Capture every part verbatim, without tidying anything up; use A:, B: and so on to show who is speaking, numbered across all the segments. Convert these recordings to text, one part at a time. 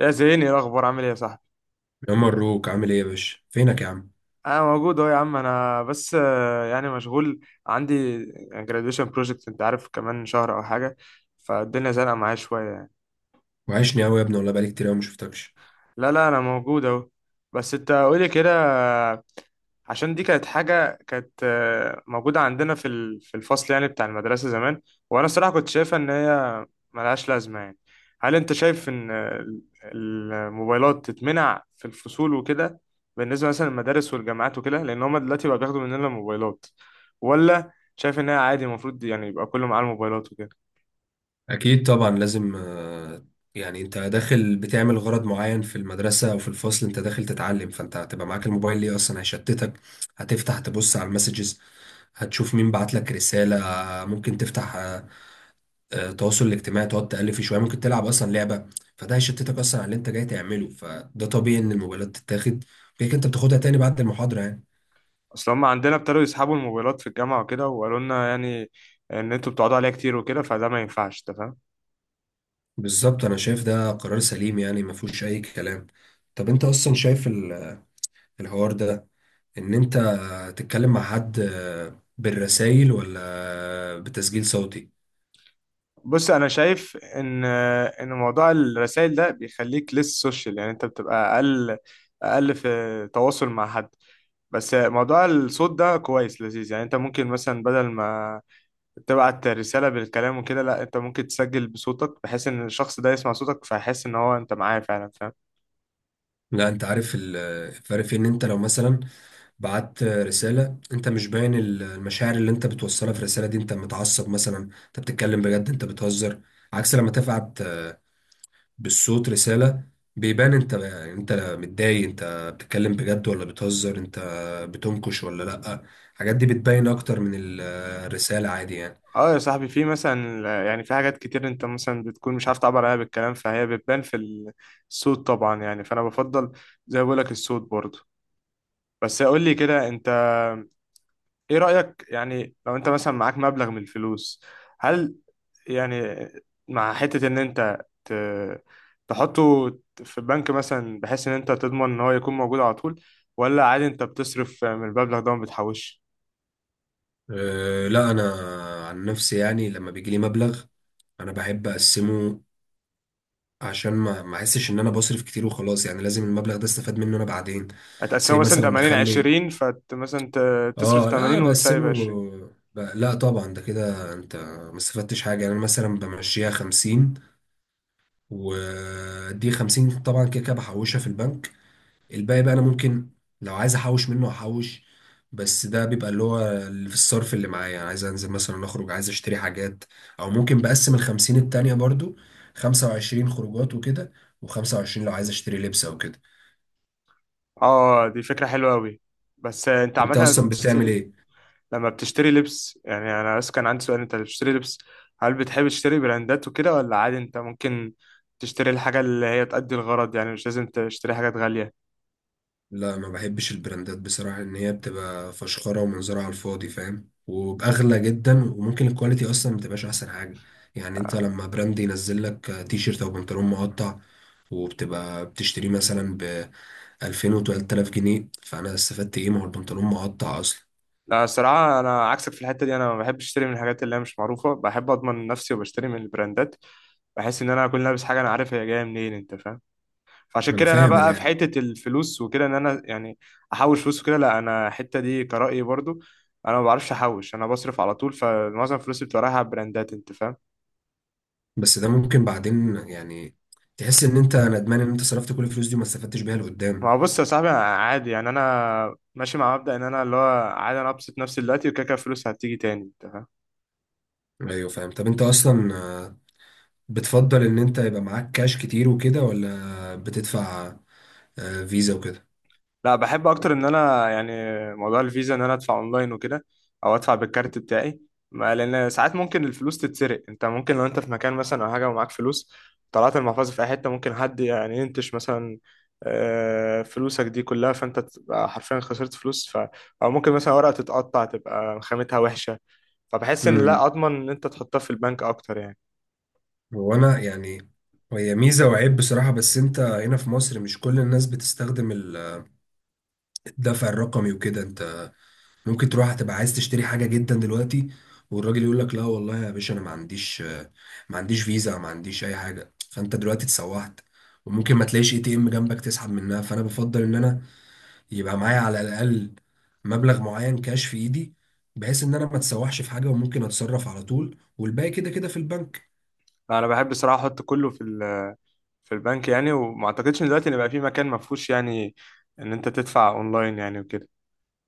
A: يا زيني، إيه الاخبار؟ عامل ايه يا صاحبي؟
B: يا مبروك، عامل ايه يا باشا؟ فينك يا عم؟
A: انا موجود اهو يا عم، انا بس آه، يعني مشغول، عندي graduation project. انت عارف كمان شهر او حاجه. فالدنيا زنقه معايا شويه يعني.
B: وحشني قوي يا ابني والله، بقالي كتير قوي ما شفتكش.
A: لا لا، انا موجود اهو. بس انت قولي كده، عشان دي كانت حاجة، كانت آه، موجودة عندنا في ال- في الفصل يعني بتاع المدرسة زمان. وأنا الصراحة كنت شايفها إن هي ملهاش لازمة يعني. هل أنت شايف إن ال- الموبايلات تتمنع في الفصول وكده، بالنسبة مثلا للمدارس والجامعات وكده، لأن هما دلوقتي بقى بياخدوا مننا الموبايلات؟ ولا شايف إن هي عادي، المفروض يعني يبقى كله معاه الموبايلات وكده؟
B: اكيد طبعا لازم. آه، يعني انت داخل بتعمل غرض معين في المدرسه او في الفصل، انت داخل تتعلم، فانت هتبقى معاك الموبايل ليه اصلا؟ هيشتتك، هتفتح تبص على المسجز، هتشوف مين بعت لك رساله. آه، ممكن تفتح آه، آه، التواصل الاجتماعي، تقعد تالف شويه، ممكن تلعب اصلا لعبه. فده هيشتتك اصلا على اللي انت جاي تعمله، فده طبيعي ان الموبايلات تتاخد. كده كده انت بتاخدها تاني بعد المحاضره يعني.
A: أصل هما عندنا ابتدوا يسحبوا الموبايلات في الجامعة وكده، وقالوا لنا يعني إن أنتوا بتقعدوا عليها كتير وكده، فده ما ينفعش، أنت فاهم؟
B: بالظبط، انا شايف ده قرار سليم يعني، ما فيهوش اي كلام. طب انت اصلا شايف ال- الحوار ده، ان انت تتكلم مع حد بالرسائل ولا بتسجيل صوتي؟
A: بص، انا شايف ان ان موضوع الرسائل ده بيخليك لسه سوشيال، يعني انت بتبقى اقل اقل في تواصل مع حد. بس موضوع الصوت ده كويس لذيذ، يعني انت ممكن مثلا بدل ما تبعت رسالة بالكلام وكده، لا، انت ممكن تسجل بصوتك بحيث ان الشخص ده يسمع صوتك فيحس ان هو انت معاه فعلا، فاهم؟
B: لا انت عارف ال- الفرق، في ان انت لو مثلا بعت رسالة انت مش باين ال- المشاعر اللي انت بتوصلها في الرسالة دي. انت متعصب مثلا، انت بتتكلم بجد، انت بتهزر؟ عكس لما تبعت بالصوت رسالة، بيبان انت انت متضايق، انت بتتكلم بجد ولا بتهزر، انت بتنكش ولا لأ. الحاجات دي بتبين اكتر من ال- الرسالة عادي يعني.
A: اه يا صاحبي، في مثلا يعني في حاجات كتير انت مثلا بتكون مش عارف تعبر عنها بالكلام، فهي بتبان في الصوت طبعا يعني، فانا بفضل زي ما بقولك الصوت برضه. بس قول لي كده انت، ايه رأيك يعني لو انت مثلا معاك مبلغ من الفلوس، هل يعني مع حتة ان انت ت- تحطه في البنك مثلا بحيث ان انت تضمن ان هو يكون موجود على طول، ولا عادي انت بتصرف من المبلغ ده وما بتحوش؟
B: أه لا، انا عن نفسي يعني لما بيجيلي مبلغ، انا بحب اقسمه عشان ما ما احسش ان انا بصرف كتير وخلاص. يعني لازم المبلغ ده استفاد منه انا بعدين.
A: هتقسمه
B: زي
A: مثلا
B: مثلا
A: تمانين
B: دخل لي،
A: عشرين، فت مثلا ت- تصرف
B: اه لا انا
A: تمانين وتسيب
B: بقسمه
A: عشرين؟
B: ب... لا طبعا، ده كده انت ما استفدتش حاجه يعني. انا مثلا بمشيها خمسين، ودي خمسين طبعا كده كده بحوشها في البنك. الباقي بقى انا ممكن لو عايز احوش منه احوش، بس ده بيبقى اللي هو اللي في الصرف اللي معايا. يعني عايز انزل مثلا اخرج، عايز اشتري حاجات. او ممكن بقسم ال خمسين التانية برضو، خمسة وعشرين خروجات وكده، و25 لو عايز اشتري لبس او كده.
A: اه دي فكرة حلوة قوي. بس انت
B: انت
A: عامة
B: اصلا بتعمل
A: بتشتري،
B: ايه؟
A: لما بتشتري لبس يعني، انا بس كان عندي سؤال، انت اللي بتشتري لبس، هل بتحب تشتري براندات وكده ولا عادي انت ممكن تشتري الحاجة اللي هي تأدي الغرض يعني، مش لازم تشتري حاجات غالية؟
B: لا ما بحبش البراندات بصراحة، ان هي بتبقى فشخرة ومنظرها على الفاضي فاهم؟ وبأغلى جدا، وممكن الكواليتي اصلا ما تبقاش احسن حاجة. يعني انت لما براند ينزل لك آه، تي شيرت او بنطلون مقطع وبتبقى بتشتريه مثلا ب ألفين و ثلاثة آلاف جنيه، فانا استفدت ايه؟ ما هو البنطلون مقطع اصلا.
A: لا الصراحة، أنا عكسك في الحتة دي، أنا ما بحبش أشتري من الحاجات اللي هي مش معروفة، بحب أضمن نفسي وبشتري من البراندات. بحس إن أنا أكون لابس حاجة أنا عارف هي جاية منين، أنت فاهم؟ فعشان
B: انا
A: كده أنا
B: فاهم،
A: بقى في
B: لا
A: حتة الفلوس وكده إن أنا يعني أحوش فلوس وكده، لا، أنا الحتة دي كرأيي برضو، أنا ما بعرفش أحوش، أنا بصرف على طول، فمعظم فلوسي بتبقى رايحة على البراندات، أنت فاهم؟
B: بس ده ممكن بعدين يعني تحس ان انت ندمان ان انت صرفت كل الفلوس دي وما استفدتش بيها لقدام.
A: ما هو بص يا صاحبي، أنا عادي يعني، انا ماشي مع مبدأ ان انا اللي هو عادي انا ابسط نفسي دلوقتي، وكده كده الفلوس هتيجي تاني، انت فاهم؟
B: ايوه فاهم. طب انت اصلا بتفضل ان انت يبقى معاك كاش كتير وكده، ولا بتدفع آه، فيزا وكده؟
A: لا، بحب اكتر ان انا يعني موضوع الفيزا، ان انا ادفع اونلاين وكده، او ادفع بالكارت بتاعي. ما لان ساعات ممكن الفلوس تتسرق، انت ممكن لو انت في مكان مثلا او حاجه ومعاك فلوس، طلعت المحفظه في اي حته، ممكن حد يعني ينتش مثلا آه، فلوسك دي كلها، فانت تبقى حرفيا خسرت فلوس ف... او ممكن مثلا ورقه تتقطع تبقى خامتها وحشه، فبحس ان
B: امم
A: لا، اضمن ان انت تحطها في البنك اكتر يعني.
B: هو انا يعني هي ميزه وعيب بصراحه. بس انت هنا في مصر مش كل الناس بتستخدم ال- الدفع الرقمي وكده. انت ممكن تروح هتبقى عايز تشتري حاجه جدا دلوقتي، والراجل يقول لك لا والله يا باشا انا ما عنديش آه، ما عنديش فيزا، ما عنديش اي حاجه، فانت دلوقتي اتسوحت. وممكن ما تلاقيش اي تي ام جنبك تسحب منها. فانا بفضل ان انا يبقى معايا على الاقل مبلغ معين كاش في ايدي، بحيث ان انا ما اتسوحش في حاجه، وممكن اتصرف على طول، والباقي كده كده في البنك.
A: انا بحب الصراحه احط كله في ال- في البنك يعني، وما اعتقدش ان دلوقتي ان بقى في مكان ما فيهوش يعني ان انت تدفع اونلاين يعني وكده.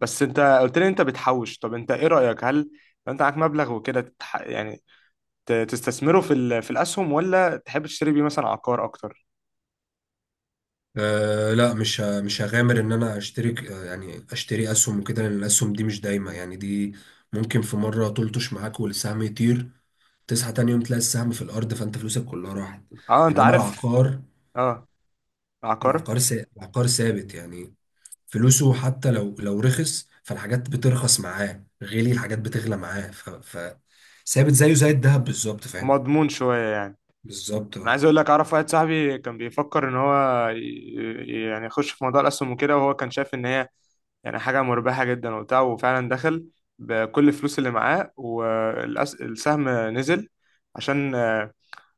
A: بس انت قلت لي انت بتحوش، طب انت ايه رايك؟ هل لو انت معاك مبلغ وكده تتح... يعني ت- تستثمره في ال... في الاسهم، ولا تحب تشتري بيه مثلا عقار اكتر؟
B: أه لا، مش ه- مش هغامر ان انا اشترك آه، يعني اشتري اسهم وكده، لان الاسهم دي مش دايمه يعني. دي ممكن في مره تلطش معاك والسهم يطير، تصحى تاني يوم تلاقي السهم في الارض، فانت فلوسك كلها راحت.
A: اه انت
B: انما
A: عارف.
B: العقار،
A: اه، عقار
B: العقار سا... العقار ثابت يعني. فلوسه حتى لو لو رخص فالحاجات بترخص معاه، غالي الحاجات بتغلى معاه. ف, ف... ثابت زيه زي الذهب بالظبط فاهم.
A: مضمون شويه يعني.
B: بالظبط
A: انا
B: اه.
A: عايز اقول لك، اعرف واحد صاحبي كان بيفكر ان هو ي... يعني يخش في موضوع الاسهم وكده، وهو كان شايف ان هي يعني حاجة مربحة جدا وبتاع، وفعلا دخل بكل الفلوس اللي معاه والسهم نزل. عشان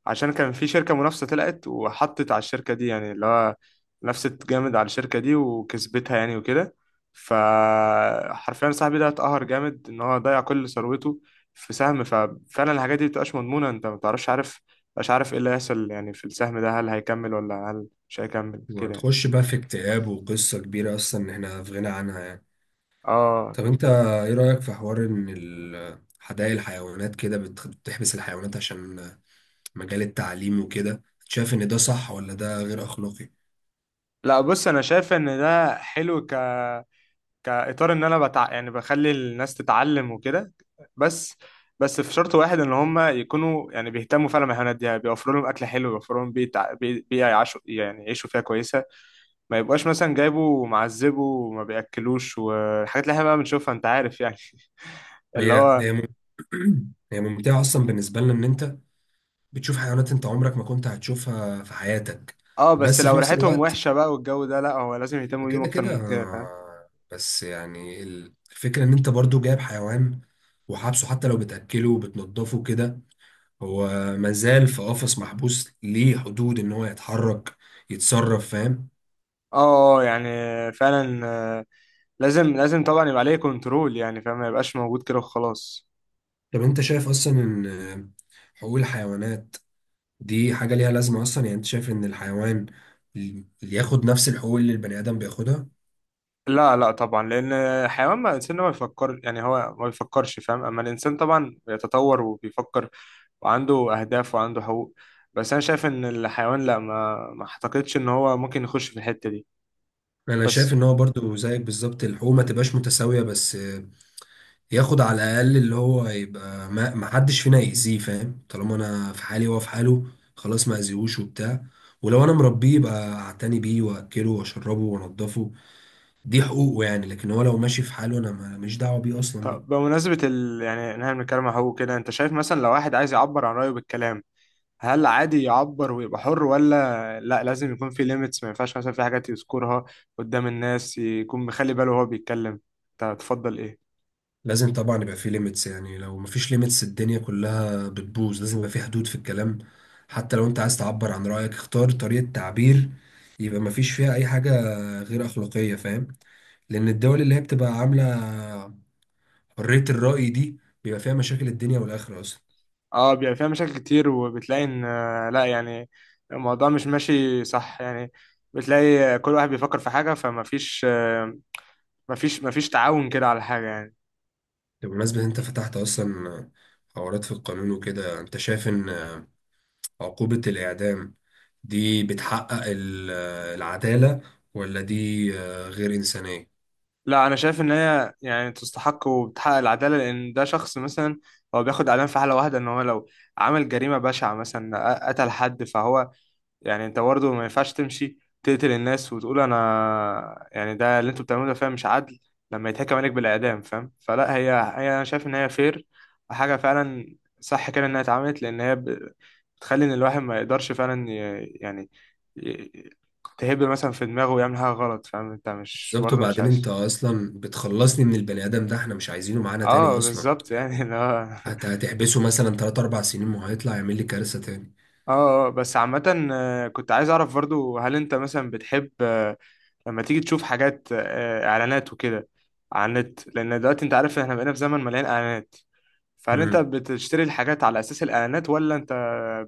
A: عشان كان في شركة منافسة طلعت وحطت على الشركة دي، يعني اللي هو نفست جامد على الشركة دي وكسبتها يعني وكده. فحرفيا صاحبي ده اتقهر جامد ان هو ضيع كل ثروته في سهم، ففعلا الحاجات دي مبتبقاش مضمونة، انت مبتعرفش، عارف مش عارف ايه اللي هيحصل يعني في السهم ده، هل هيكمل ولا هل مش هيكمل كده يعني.
B: وهتخش بقى في اكتئاب وقصة كبيرة أصلا إحنا في غنى عنها يعني.
A: اه
B: طب أنت إيه رأيك في حوار إن ال- حدائق الحيوانات كده بت- بتحبس الحيوانات عشان مجال التعليم وكده؟ شايف إن ده صح ولا ده غير أخلاقي؟
A: لا، بص انا شايف ان ده حلو ك كاطار ان انا بتع... يعني بخلي الناس تتعلم وكده. بس بس، في شرط واحد ان هم يكونوا يعني بيهتموا فعلا بالحيوانات دي، يعني بيوفروا لهم اكل حلو، بيوفروا لهم بيئه بي- بيئة يعيشوا يعني يعيشوا فيها كويسه. ما يبقاش مثلا جايبه ومعذبه وما بياكلوش والحاجات اللي احنا بقى بنشوفها انت عارف يعني. اللي
B: هي
A: هو.
B: هي مم- هي ممتعة أصلا بالنسبة لنا، إن أنت بتشوف حيوانات انت عمرك ما كنت هتشوفها في حياتك.
A: اه، بس
B: بس في
A: لو
B: نفس
A: ريحتهم
B: الوقت
A: وحشه بقى والجو ده، لا، هو لازم يهتموا بيهم
B: كده
A: اكتر
B: كده،
A: من كده، فاهم؟
B: آه، بس يعني ال- الفكرة ان انت برضو جايب حيوان وحابسه. حتى لو بتأكله وبتنضفه كده، هو مازال في قفص محبوس، ليه حدود ان هو يتحرك، يتصرف فاهم.
A: اه، آه، يعني فعلا، لازم لازم طبعا يبقى عليه كنترول يعني، فاهم، ما يبقاش موجود كده وخلاص.
B: طب انت شايف اصلا ان آه، حقوق الحيوانات دي حاجة ليها لازمة اصلا يعني؟ انت شايف ان الحيوان اللي ياخد نفس الحقوق اللي البني آدم بياخدها؟
A: لا لا طبعا، لان حيوان ما الانسان ما بيفكر، يعني هو ما بيفكرش فاهم، اما الانسان طبعا بيتطور وبيفكر وعنده اهداف وعنده حقوق. بس انا شايف ان الحيوان لا، ما ما اعتقدش ان هو ممكن يخش في الحتة دي.
B: انا
A: بس.
B: شايف ان هو برضو زيك بالظبط، الحقوق ما تبقاش متساويه، بس ياخد على الاقل اللي هو يبقى ما ما حدش فينا يأذيه فاهم. طالما انا في حالي وهو في حاله، خلاص ما اذيهوش وبتاع. ولو انا مربيه يبقى اعتني بيه، واكله، واشربه، وانضفه. دي حقوقه يعني. لكن هو لو ماشي في حاله، انا ما- ماليش دعوه بيه اصلا
A: طب
B: بقى.
A: بمناسبة ال... يعني ان احنا بنتكلم عن حقوق كده، انت شايف مثلا لو واحد عايز يعبر عن رأيه بالكلام، هل عادي يعبر ويبقى حر، ولا لا، لازم يكون في ليميتس، ما ينفعش مثلا في حاجات يذكرها قدام الناس، يكون مخلي باله وهو بيتكلم، انت تفضل ايه؟
B: لازم طبعا يبقى في ليميتس يعني. لو مفيش ليميتس الدنيا كلها بتبوظ. لازم يبقى في حدود في الكلام. حتى لو انت عايز تعبر عن رأيك، اختار طريقة تعبير يبقى مفيش فيها اي حاجة غير أخلاقية فاهم. لأن الدول اللي هي بتبقى عاملة حرية الرأي دي بيبقى فيها مشاكل الدنيا والآخرة أصلا.
A: اه بيبقى فيها مشاكل كتير، وبتلاقي ان آه، لا يعني الموضوع مش ماشي صح يعني، بتلاقي كل واحد بيفكر في حاجة، فما فيش آه، ما فيش ما فيش تعاون كده على حاجة يعني.
B: بمناسبة إن انت فتحت أصلا حوارات في القانون وكده، انت شايف إن عقوبة الإعدام دي بتحقق ال- العدالة، ولا دي غير إنسانية؟
A: لا، انا شايف ان هي يعني تستحق وبتحقق العدالة، لان ده شخص مثلا هو بياخد اعدام في حالة واحدة، ان هو لو عمل جريمة بشعة مثلا قتل حد، فهو يعني، انت برضه ما ينفعش تمشي تقتل الناس وتقول انا يعني ده اللي انتوا بتعملوه، ده فعلا مش عدل لما يتحكم عليك بالاعدام، فاهم؟ فلا، هي هي، انا شايف ان هي فير وحاجه فعلا صح كده انها اتعملت، لان هي ب- بتخلي ان الواحد ما يقدرش فعلا ي- يعني ي- تهب مثلا في دماغه ويعمل حاجه غلط، فاهم، انت مش
B: بالظبط.
A: برضه مش
B: وبعدين انت
A: عايز.
B: اصلا بتخلصني من البني ادم ده، احنا مش عايزينه معانا تاني
A: اه
B: اصلا
A: بالظبط. يعني
B: يعني.
A: اللي هو.
B: هت- هتحبسه مثلا ثلاثة اربعة سنين وهيطلع يعمل لي كارثة تاني.
A: اه، آه، بس عامة آه، كنت عايز اعرف برضو، هل انت مثلا بتحب لما تيجي تشوف حاجات آه، اعلانات وكده على النت، لان دلوقتي انت عارف احنا بقينا في زمن مليان اعلانات، فهل انت
B: امم
A: بتشتري الحاجات على اساس الاعلانات، ولا انت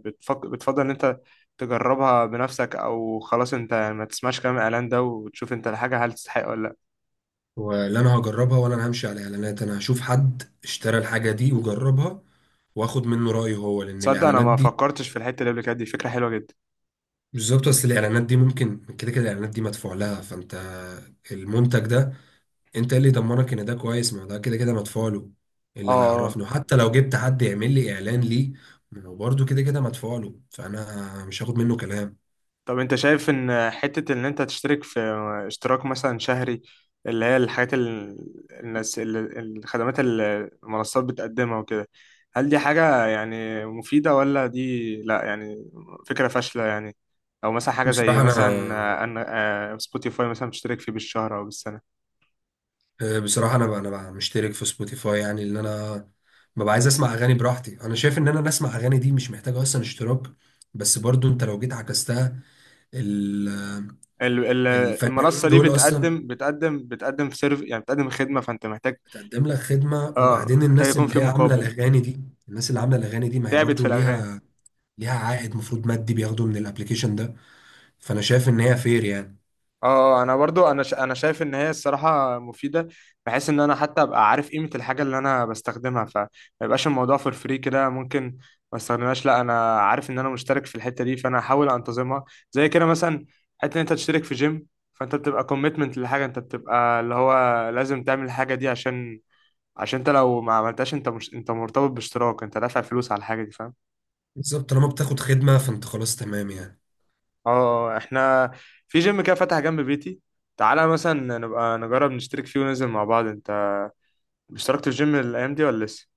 A: بتفك... بتفضل ان انت تجربها بنفسك، او خلاص انت ما تسمعش كلام الاعلان ده وتشوف انت الحاجه هل تستحق ولا لا؟
B: ولا انا هجربها، ولا انا همشي على اعلانات. انا هشوف حد اشترى الحاجة دي وجربها، واخد منه رأيه هو، لان
A: تصدق انا
B: الاعلانات
A: ما
B: دي،
A: فكرتش في الحته اللي قبل كده، دي فكره حلوه جدا.
B: بالظبط. بس الاعلانات دي ممكن كده كده الاعلانات دي مدفوع لها، فانت المنتج ده انت اللي يضمنك ان ده كويس، ما ده كده كده مدفوع له. اللي
A: اه،
B: هيعرفني، وحتى لو جبت حد يعمل لي اعلان ليه، ما هو برضه كده كده مدفوع له، فانا مش هاخد منه كلام.
A: طب انت شايف ان حتة ان انت تشترك في اشتراك مثلا شهري، اللي هي الحاجات ال- الناس ال- الخدمات اللي المنصات بتقدمها وكده، هل دي حاجة يعني مفيدة، ولا دي لا يعني فكرة فاشلة يعني، او مثلا حاجة زي
B: بصراحه انا،
A: مثلا آه، ان آه، سبوتيفاي مثلا بتشترك فيه بالشهر او بالسنة؟
B: آه، بصراحه انا بقى، انا بقى مشترك في سبوتيفاي. يعني اللي انا ببقى عايز اسمع اغاني براحتي، انا شايف ان انا اسمع اغاني دي مش محتاجه اصلا اشتراك. بس برضه انت لو جيت عكستها، ال-
A: ال- ال-
B: الفنانين
A: المنصة دي
B: دول اصلا
A: بتقدم بتقدم بتقدم في سيرف يعني بتقدم خدمة، فانت محتاج.
B: بتقدم لك خدمه.
A: اه
B: وبعدين
A: محتاج
B: الناس
A: يكون
B: اللي
A: في
B: هي عامله
A: مقابل،
B: الاغاني دي، الناس اللي عامله الاغاني دي ما هي
A: تعبت في
B: برضه
A: الاغاني.
B: ليها ليها عائد مفروض مادي بياخده من الابليكيشن ده. فانا شايف ان هي فير يعني.
A: اه، انا برضو انا ش... انا شايف ان هي الصراحه مفيده، بحيث ان انا حتى ابقى عارف قيمه الحاجه اللي انا بستخدمها، فما يبقاش الموضوع فور فري كده ممكن ما استخدمهاش، لا انا عارف ان انا مشترك في الحته دي فانا هحاول انتظمها. زي كده مثلا، حته ان انت تشترك في جيم، فانت بتبقى كوميتمنت لحاجه، انت بتبقى اللي هو لازم تعمل الحاجه دي، عشان عشان انت لو ما عملتهاش انت مش، انت مرتبط باشتراك انت دافع فلوس على الحاجه دي، فاهم؟
B: بالظبط، طالما بتاخد خدمه فانت خلاص تمام يعني.
A: اه آه، آه، احنا في جيم كده فتح جنب بيتي، تعالى مثلا نبقى نجرب نشترك فيه وننزل مع بعض. اشتركت في الجيم الايام دي ولا لسه؟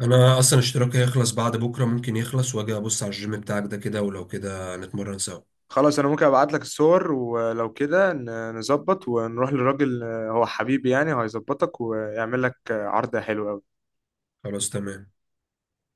B: انا اصلا اشتراكي هيخلص بعد بكره، ممكن يخلص واجي ابص على الجيم بتاعك ده كده، ولو كده نتمرن سوا.
A: خلاص، انا ممكن ابعت لك الصور ولو كده ن- نظبط ونروح للراجل، آه، هو حبيبي يعني هيظبطك ويعمل لك آه، عرض حلو قوي.
B: خلاص تمام.